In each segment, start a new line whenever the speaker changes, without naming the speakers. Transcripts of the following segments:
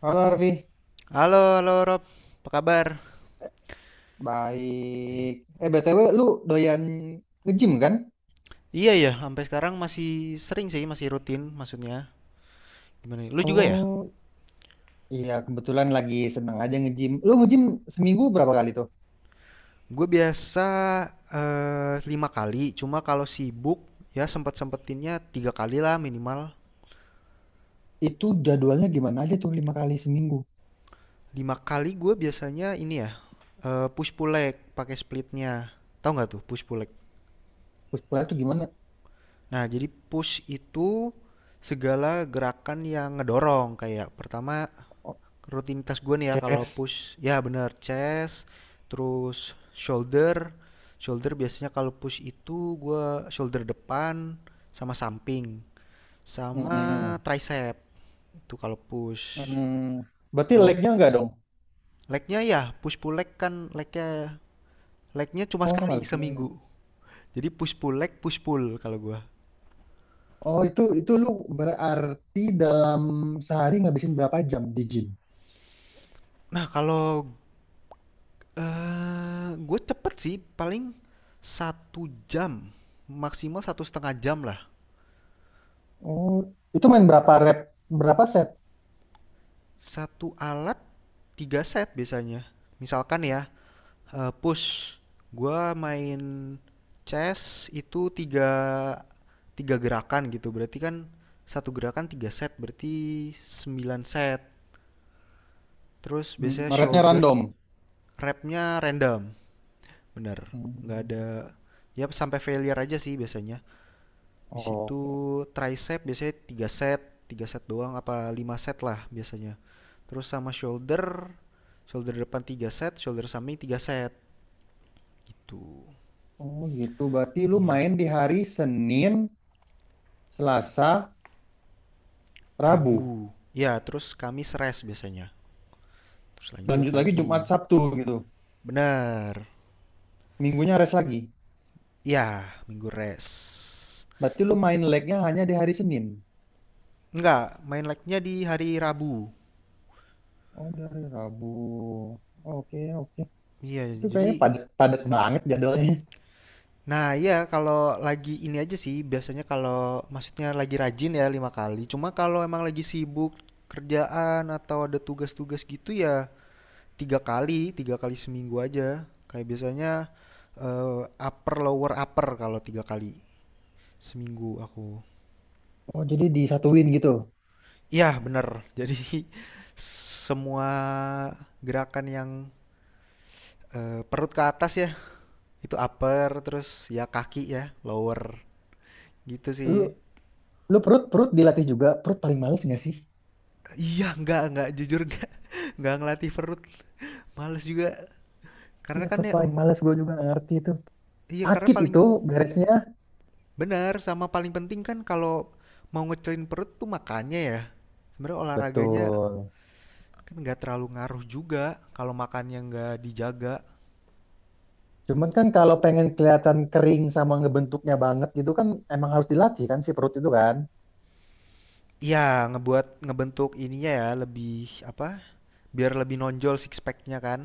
Halo Arfi,
Halo, halo Rob, apa kabar?
baik. Eh BTW lu doyan nge-gym kan?
Iya ya, sampai sekarang masih sering sih, masih rutin maksudnya. Gimana nih? Lu juga ya?
Oh iya kebetulan lagi seneng aja nge-gym. Lu nge-gym seminggu berapa kali tuh?
Gue biasa lima kali, cuma kalau sibuk ya sempet-sempetinnya tiga kali lah minimal.
Itu jadwalnya gimana aja tuh lima kali seminggu?
Lima kali gue biasanya ini ya, push pull leg pakai splitnya. Tahu nggak tuh push pull leg?
Terus pulang tuh gimana?
Nah, jadi push itu segala gerakan yang ngedorong kayak pertama.
Oh,
Rutinitas gue nih ya kalau
chest.
push, ya bener chest, terus shoulder. Shoulder biasanya kalau push itu gue shoulder depan sama samping, sama
Mm-mm.
tricep itu kalau push.
Mm-mm. Berarti
Kalau
legnya enggak dong?
legnya ya push pull leg kan legnya legnya cuma
Oh
sekali
sama legnya.
seminggu. Jadi push pull leg push pull kalau gue.
Oh itu lu berarti dalam sehari ngabisin berapa jam di gym?
Nah kalau gue cepet sih paling satu jam maksimal 1,5 jam lah.
Oh itu main berapa rep? Berapa set?
Satu alat 3 set biasanya. Misalkan ya, push. Gua main chess itu 3 3 gerakan gitu. Berarti kan satu gerakan tiga set, berarti 9 set. Terus
Hmm,
biasanya
repnya
shoulder
random.
repnya random. Bener. Nggak ada, ya sampai failure aja sih biasanya. Di situ
Hmm.
tricep biasanya 3 set doang apa 5 set lah biasanya. Terus sama shoulder, shoulder depan 3 set, shoulder samping 3 set. Gitu.
Oh gitu, berarti lu
Iya.
main di hari Senin, Selasa,
Rabu.
Rabu.
Ya, terus Kamis rest biasanya. Terus lanjut
Lanjut lagi Jumat,
lagi.
Sabtu gitu.
Benar.
Minggunya rest lagi.
Ya, Minggu rest.
Berarti lu
Itu
main legnya hanya di hari Senin.
enggak, main like-nya di hari Rabu.
Oh dari Rabu. Oke oke.
Iya,
Itu kayaknya
jadi
padat padat banget jadwalnya.
nah iya kalau lagi ini aja sih biasanya kalau maksudnya lagi rajin ya lima kali. Cuma kalau emang lagi sibuk kerjaan atau ada tugas-tugas gitu ya tiga kali seminggu aja. Kayak biasanya eh, upper lower upper kalau tiga kali. Seminggu aku.
Oh jadi disatuin gitu.
Iya, bener. Jadi semua gerakan yang perut ke atas ya, itu upper, terus ya kaki ya, lower. Gitu sih.
Lu lu perut perut dilatih juga. Perut paling males nggak sih?
Iya, enggak, jujur enggak. Enggak ngelatih perut. Males juga. Karena
Iya
kan
perut
ya,
paling males gue juga nggak ngerti itu.
iya karena
Sakit
paling
itu beresnya.
benar, sama paling penting kan kalau mau ngecilin perut tuh makannya ya. Sebenarnya olahraganya
Betul.
kan nggak terlalu ngaruh juga kalau makannya nggak dijaga.
Cuman kan kalau pengen kelihatan kering sama ngebentuknya banget gitu kan, emang harus dilatih kan si perut itu kan.
Iya, ngebuat ngebentuk ininya ya lebih apa? Biar lebih nonjol six pack-nya kan?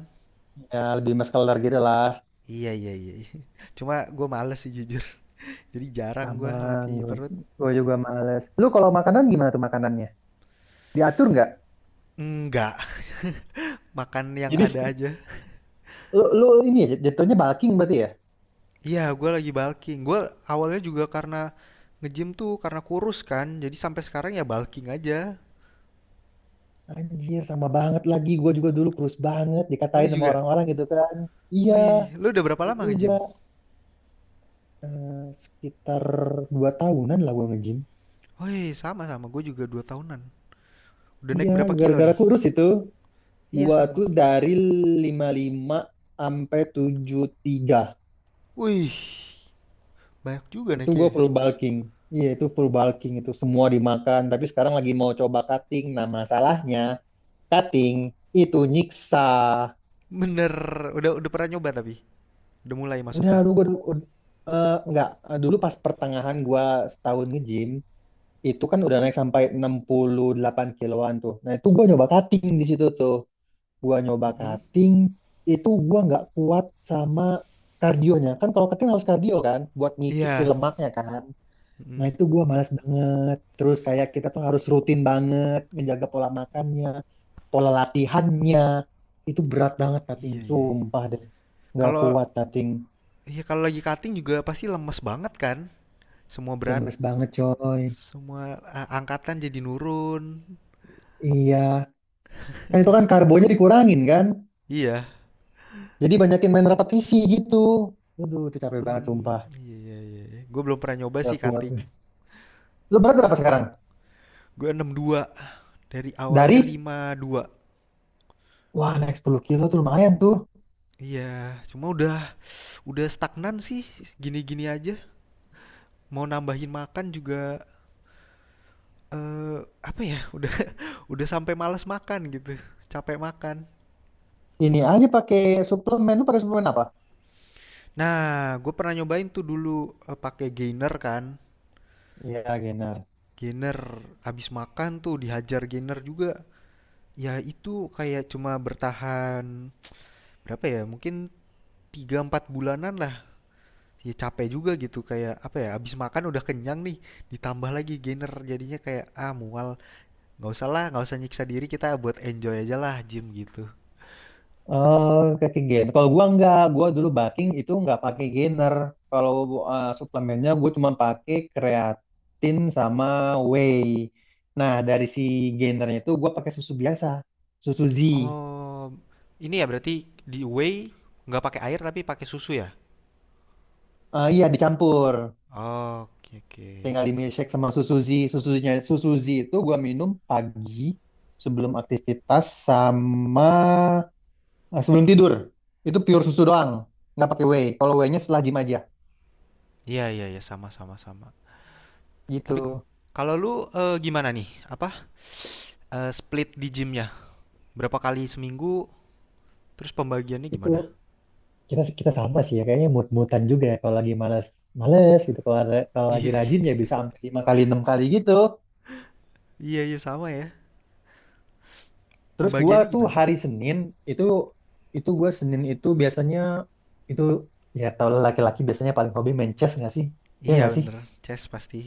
Ya lebih muscular gitu lah.
Iya iya iya. Iya. Cuma gue males sih jujur. Jadi jarang gue
Sama
latih perut.
gue juga males. Lu kalau makanan gimana tuh makanannya? Diatur nggak?
Enggak, makan yang
Jadi
ada aja.
lu ini ya jatuhnya bulking berarti ya?
Iya, gue lagi bulking. Gue awalnya juga karena nge-gym tuh karena kurus kan. Jadi sampai sekarang ya bulking aja.
Anjir sama banget lagi gue juga dulu kurus banget
Oh, lu
dikatain sama
juga?
orang-orang gitu kan. Iya,
Wih, lu udah berapa
gue
lama
juga
nge-gym?
eh, sekitar 2 tahunan lah gue nge-gym.
Wih, sama-sama. Gue juga 2 tahunan. Udah naik
Iya,
berapa kilo
gara-gara
nih?
kurus itu.
Iya,
Gua
sama.
tuh dari 55 sampai 73.
Wih, banyak juga
Itu gua
naiknya. Ya.
full bulking. Iya, itu full bulking itu semua dimakan. Tapi sekarang lagi mau coba cutting. Nah, masalahnya cutting itu nyiksa.
Bener, udah pernah nyoba tapi? Udah mulai
Udah,
maksudnya?
lu gua ud- enggak. Dulu pas pertengahan gua setahun nge-gym itu kan udah naik sampai 68 kiloan tuh. Nah, itu gua nyoba cutting di situ tuh. Gua nyoba
Mhm.
cutting, itu gua nggak kuat sama kardionya kan. Kalau cutting harus kardio kan, buat ngikis si
Iya.
lemaknya kan. Nah
Mhm.
itu gua malas banget, terus kayak kita tuh harus rutin banget menjaga pola makannya, pola latihannya. Itu berat banget cutting
Iya iya.
sumpah deh, nggak kuat
Kalau
cutting.
ya kalau lagi cutting juga pasti lemes banget kan? Semua berat,
Lemes banget coy.
semua angkatan jadi nurun.
Iya, kan itu kan karbonya dikurangin kan,
Iya.
jadi banyakin main repetisi gitu. Aduh, itu capek banget,
Hmm,
sumpah.
iya iya iya. Iya. Gue belum pernah nyoba
Nggak
sih
kuat.
cutting.
Lo berat berapa sekarang?
Gue 62 dari awalnya
Dari?
52.
Wah, naik 10 kilo tuh lumayan tuh.
Iya, cuma udah stagnan sih. Gini-gini aja. Mau nambahin makan juga, apa ya, udah udah sampai malas makan gitu, capek makan.
Ini aja pakai suplemen. Lu pakai suplemen apa?
Nah, gue pernah nyobain tuh dulu, pakai gainer kan,
Iya, gainer.
gainer habis makan tuh dihajar gainer juga. Ya itu kayak cuma bertahan berapa ya, mungkin 3 4 bulanan lah, ya capek juga gitu kayak apa ya, habis makan udah kenyang nih, ditambah lagi gainer jadinya kayak, "Ah mual, nggak usah lah, nggak usah nyiksa diri, kita buat enjoy aja lah gym," gitu.
Oh, pakai gainer. Kalau gua enggak, gua dulu bulking itu enggak pakai gainer. Kalau suplemennya gua cuma pakai kreatin sama whey. Nah, dari si gainernya itu gua pakai susu biasa, susu Z.
Oh, ini ya berarti di whey nggak pakai air tapi pakai susu ya?
Eh, iya, dicampur.
Oke oke.
Tinggal di milkshake sama susu Z. Susunya susu Z itu gua minum pagi sebelum aktivitas sama. Nah, sebelum tidur itu pure susu doang, nggak pakai whey. Kalau whey-nya setelah gym aja
Iya iya iya sama sama sama. Tapi
gitu.
kalau lu eh, gimana nih? Apa split di gymnya? Berapa kali seminggu? Terus pembagiannya gimana?
Itu kita kita sama sih ya, kayaknya mood-moodan juga ya, kalau lagi malas males gitu. Kalau lagi
Iya
rajin ya bisa sampai lima kali enam kali gitu.
iya iya sama ya.
Terus gua
Pembagiannya
tuh
gimana tuh?
hari Senin, itu itu gua Senin itu biasanya itu, ya tau lah laki-laki biasanya paling hobi main chest nggak sih? Ya
Iya
nggak sih?
bener, chest pasti.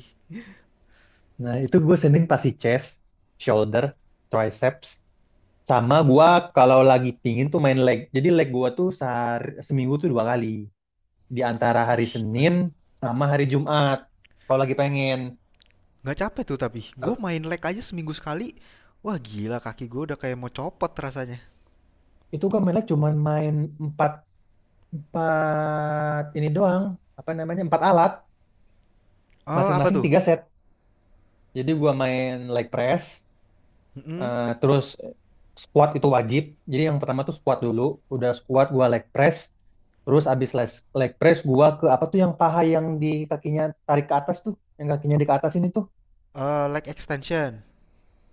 Nah itu gua Senin pasti chest, shoulder, triceps. Sama gua kalau lagi pingin tuh main leg. Jadi leg gua tuh sehari, seminggu tuh dua kali. Di antara hari
Wih, nggak
Senin sama hari Jumat. Kalau lagi pengen.
nggak capek tuh tapi. Gue
Ter-
main leg aja seminggu sekali. Wah gila kaki gue udah kayak mau copot rasanya.
Itu gua main leg cuman main empat, empat ini doang. Apa namanya? Empat alat.
Oh apa
Masing-masing
tuh?
tiga set. Jadi gua main leg press.
Mm-mm.
Terus squat itu wajib. Jadi yang pertama tuh squat dulu. Udah squat gua leg press. Terus abis leg press gua ke apa tuh yang paha yang di kakinya tarik ke atas tuh, yang kakinya di ke atas ini tuh.
Eh, leg extension.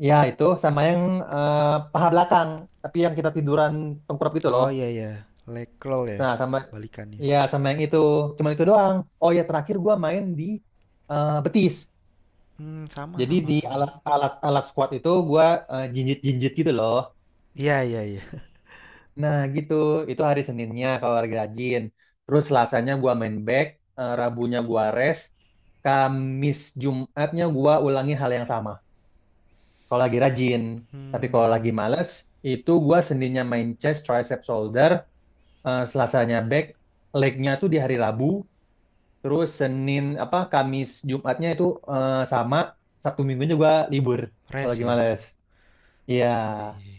Ya itu sama yang eh, paha belakang, tapi yang kita tiduran tengkurap gitu loh.
Oh iya iya, Lakeroll ya
Nah, sama
balikannya.
ya sama yang itu. Cuman itu doang. Oh ya terakhir gua main di betis.
Hmm, sama
Jadi
sama
di
sama.
alat alat alat squat itu gua jinjit-jinjit gitu loh.
Iya iya iya.
Nah gitu, itu hari Seninnya kalau lagi rajin. Terus Selasanya gua main back, Rabunya gua rest, Kamis Jumatnya gua ulangi hal yang sama. Kalau lagi rajin, tapi kalau lagi
Hmm,
males, itu gua Seninnya main chest, tricep, shoulder, Selasanya back, legnya tuh di hari Rabu, terus Senin apa Kamis Jumatnya itu sama, Sabtu Minggunya gua libur kalau
res
lagi
ya.
males. Iya.
Iya iya.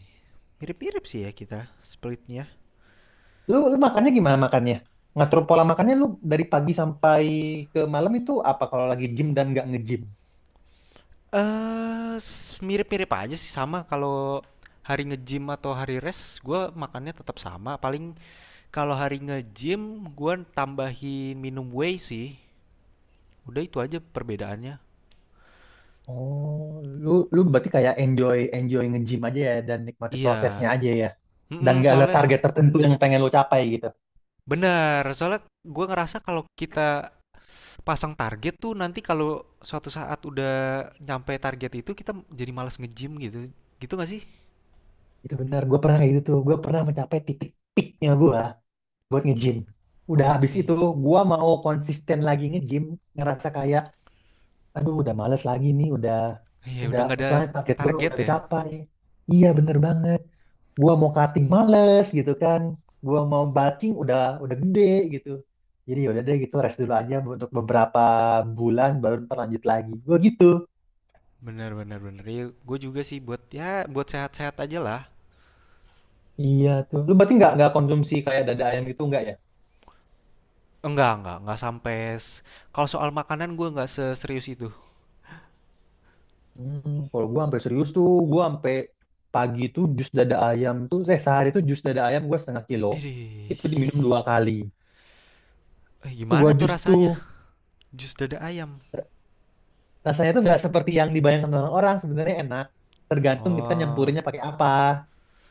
Mirip-mirip sih ya kita splitnya.
Lu makannya gimana makannya? Ngatur pola makannya lu dari pagi sampai ke malam itu apa kalau lagi gym dan nggak nge-gym?
Eh, mirip-mirip aja sih sama kalau hari nge-gym atau hari rest, gua makannya tetap sama. Paling kalau hari nge-gym gua tambahin minum whey sih. Udah itu aja perbedaannya.
Oh, lu lu berarti kayak enjoy enjoy nge-gym aja ya dan nikmati
Iya.
prosesnya aja ya. Dan
Mm,
nggak ada
soalnya
target tertentu yang pengen lu capai gitu.
bener. Soalnya gua ngerasa kalau kita pasang target tuh nanti kalau suatu saat udah nyampe target itu kita jadi malas nge-gym gitu. Gitu gak sih?
Itu benar, gue pernah kayak gitu tuh. Gue pernah mencapai titik peaknya gue buat nge-gym. Udah habis
Eh,
itu, gue mau konsisten lagi nge-gym, ngerasa kayak, aduh udah males lagi nih,
iya
udah,
udah nggak ada
soalnya target gue
target
udah
ya.
kecapai. Iya bener
Mm-mm.
banget. Gua mau cutting males gitu kan, gua mau bulking udah gede gitu. Jadi yaudah deh gitu rest dulu aja untuk beberapa bulan baru ntar lanjut lagi gua gitu.
Bener bener bener. Iya, gue juga sih buat ya buat sehat-sehat aja lah.
Iya tuh, lu berarti nggak konsumsi kayak dada ayam gitu nggak ya.
Enggak sampai. s- Kalau soal makanan gue nggak seserius itu.
Hmm, kalau gua sampai serius tuh, gua sampai pagi tuh jus dada ayam tuh, sehari tuh jus dada ayam gua setengah kilo.
Ih,
Itu diminum dua kali. Tuh
gimana
gua
tuh
jus tuh,
rasanya? Jus dada ayam.
r- rasanya tuh nggak seperti yang dibayangkan orang-orang, sebenarnya enak. Tergantung kita
Oh,
nyampurinnya pakai apa.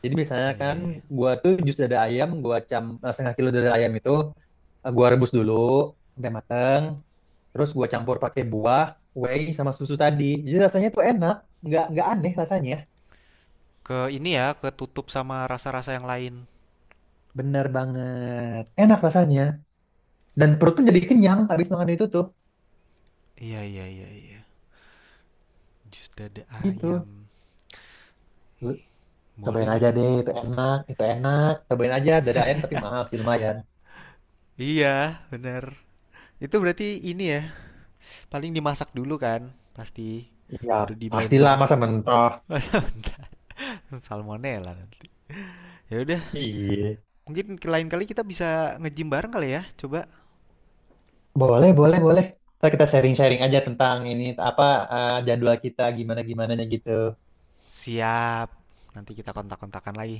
Jadi misalnya
iya
kan,
iya iya.
gua tuh jus dada ayam, gua setengah kilo dada ayam itu gua rebus dulu sampai mateng, terus gua campur pakai buah, whey sama susu tadi. Jadi rasanya tuh enak, nggak aneh rasanya.
Ke ini ya, ketutup sama rasa-rasa yang lain.
Bener banget, enak rasanya. Dan perut tuh jadi kenyang habis makan itu tuh,
Iya iya iya iya. Jus dada
gitu.
ayam.
Lu cobain
Boleh nih.
aja deh, itu enak, itu enak. Cobain aja dada ayam tapi mahal sih lumayan.
Iya, benar. Itu berarti ini ya, paling dimasak dulu kan, pasti
Iya,
baru di blender.
pastilah masa mentah.
Waduh, bentar. Salmonella nanti. Ya udah,
Iya.
mungkin ke lain kali kita bisa nge-gym bareng kali ya. Coba.
Boleh, boleh, boleh. Ntar kita sharing-sharing aja tentang ini apa jadwal kita gimana-gimananya gitu.
Siap. Nanti kita kontak-kontakan lagi.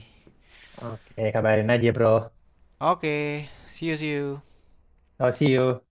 Oke, kabarin aja, bro.
Oke, see you see you.
Oh, see you.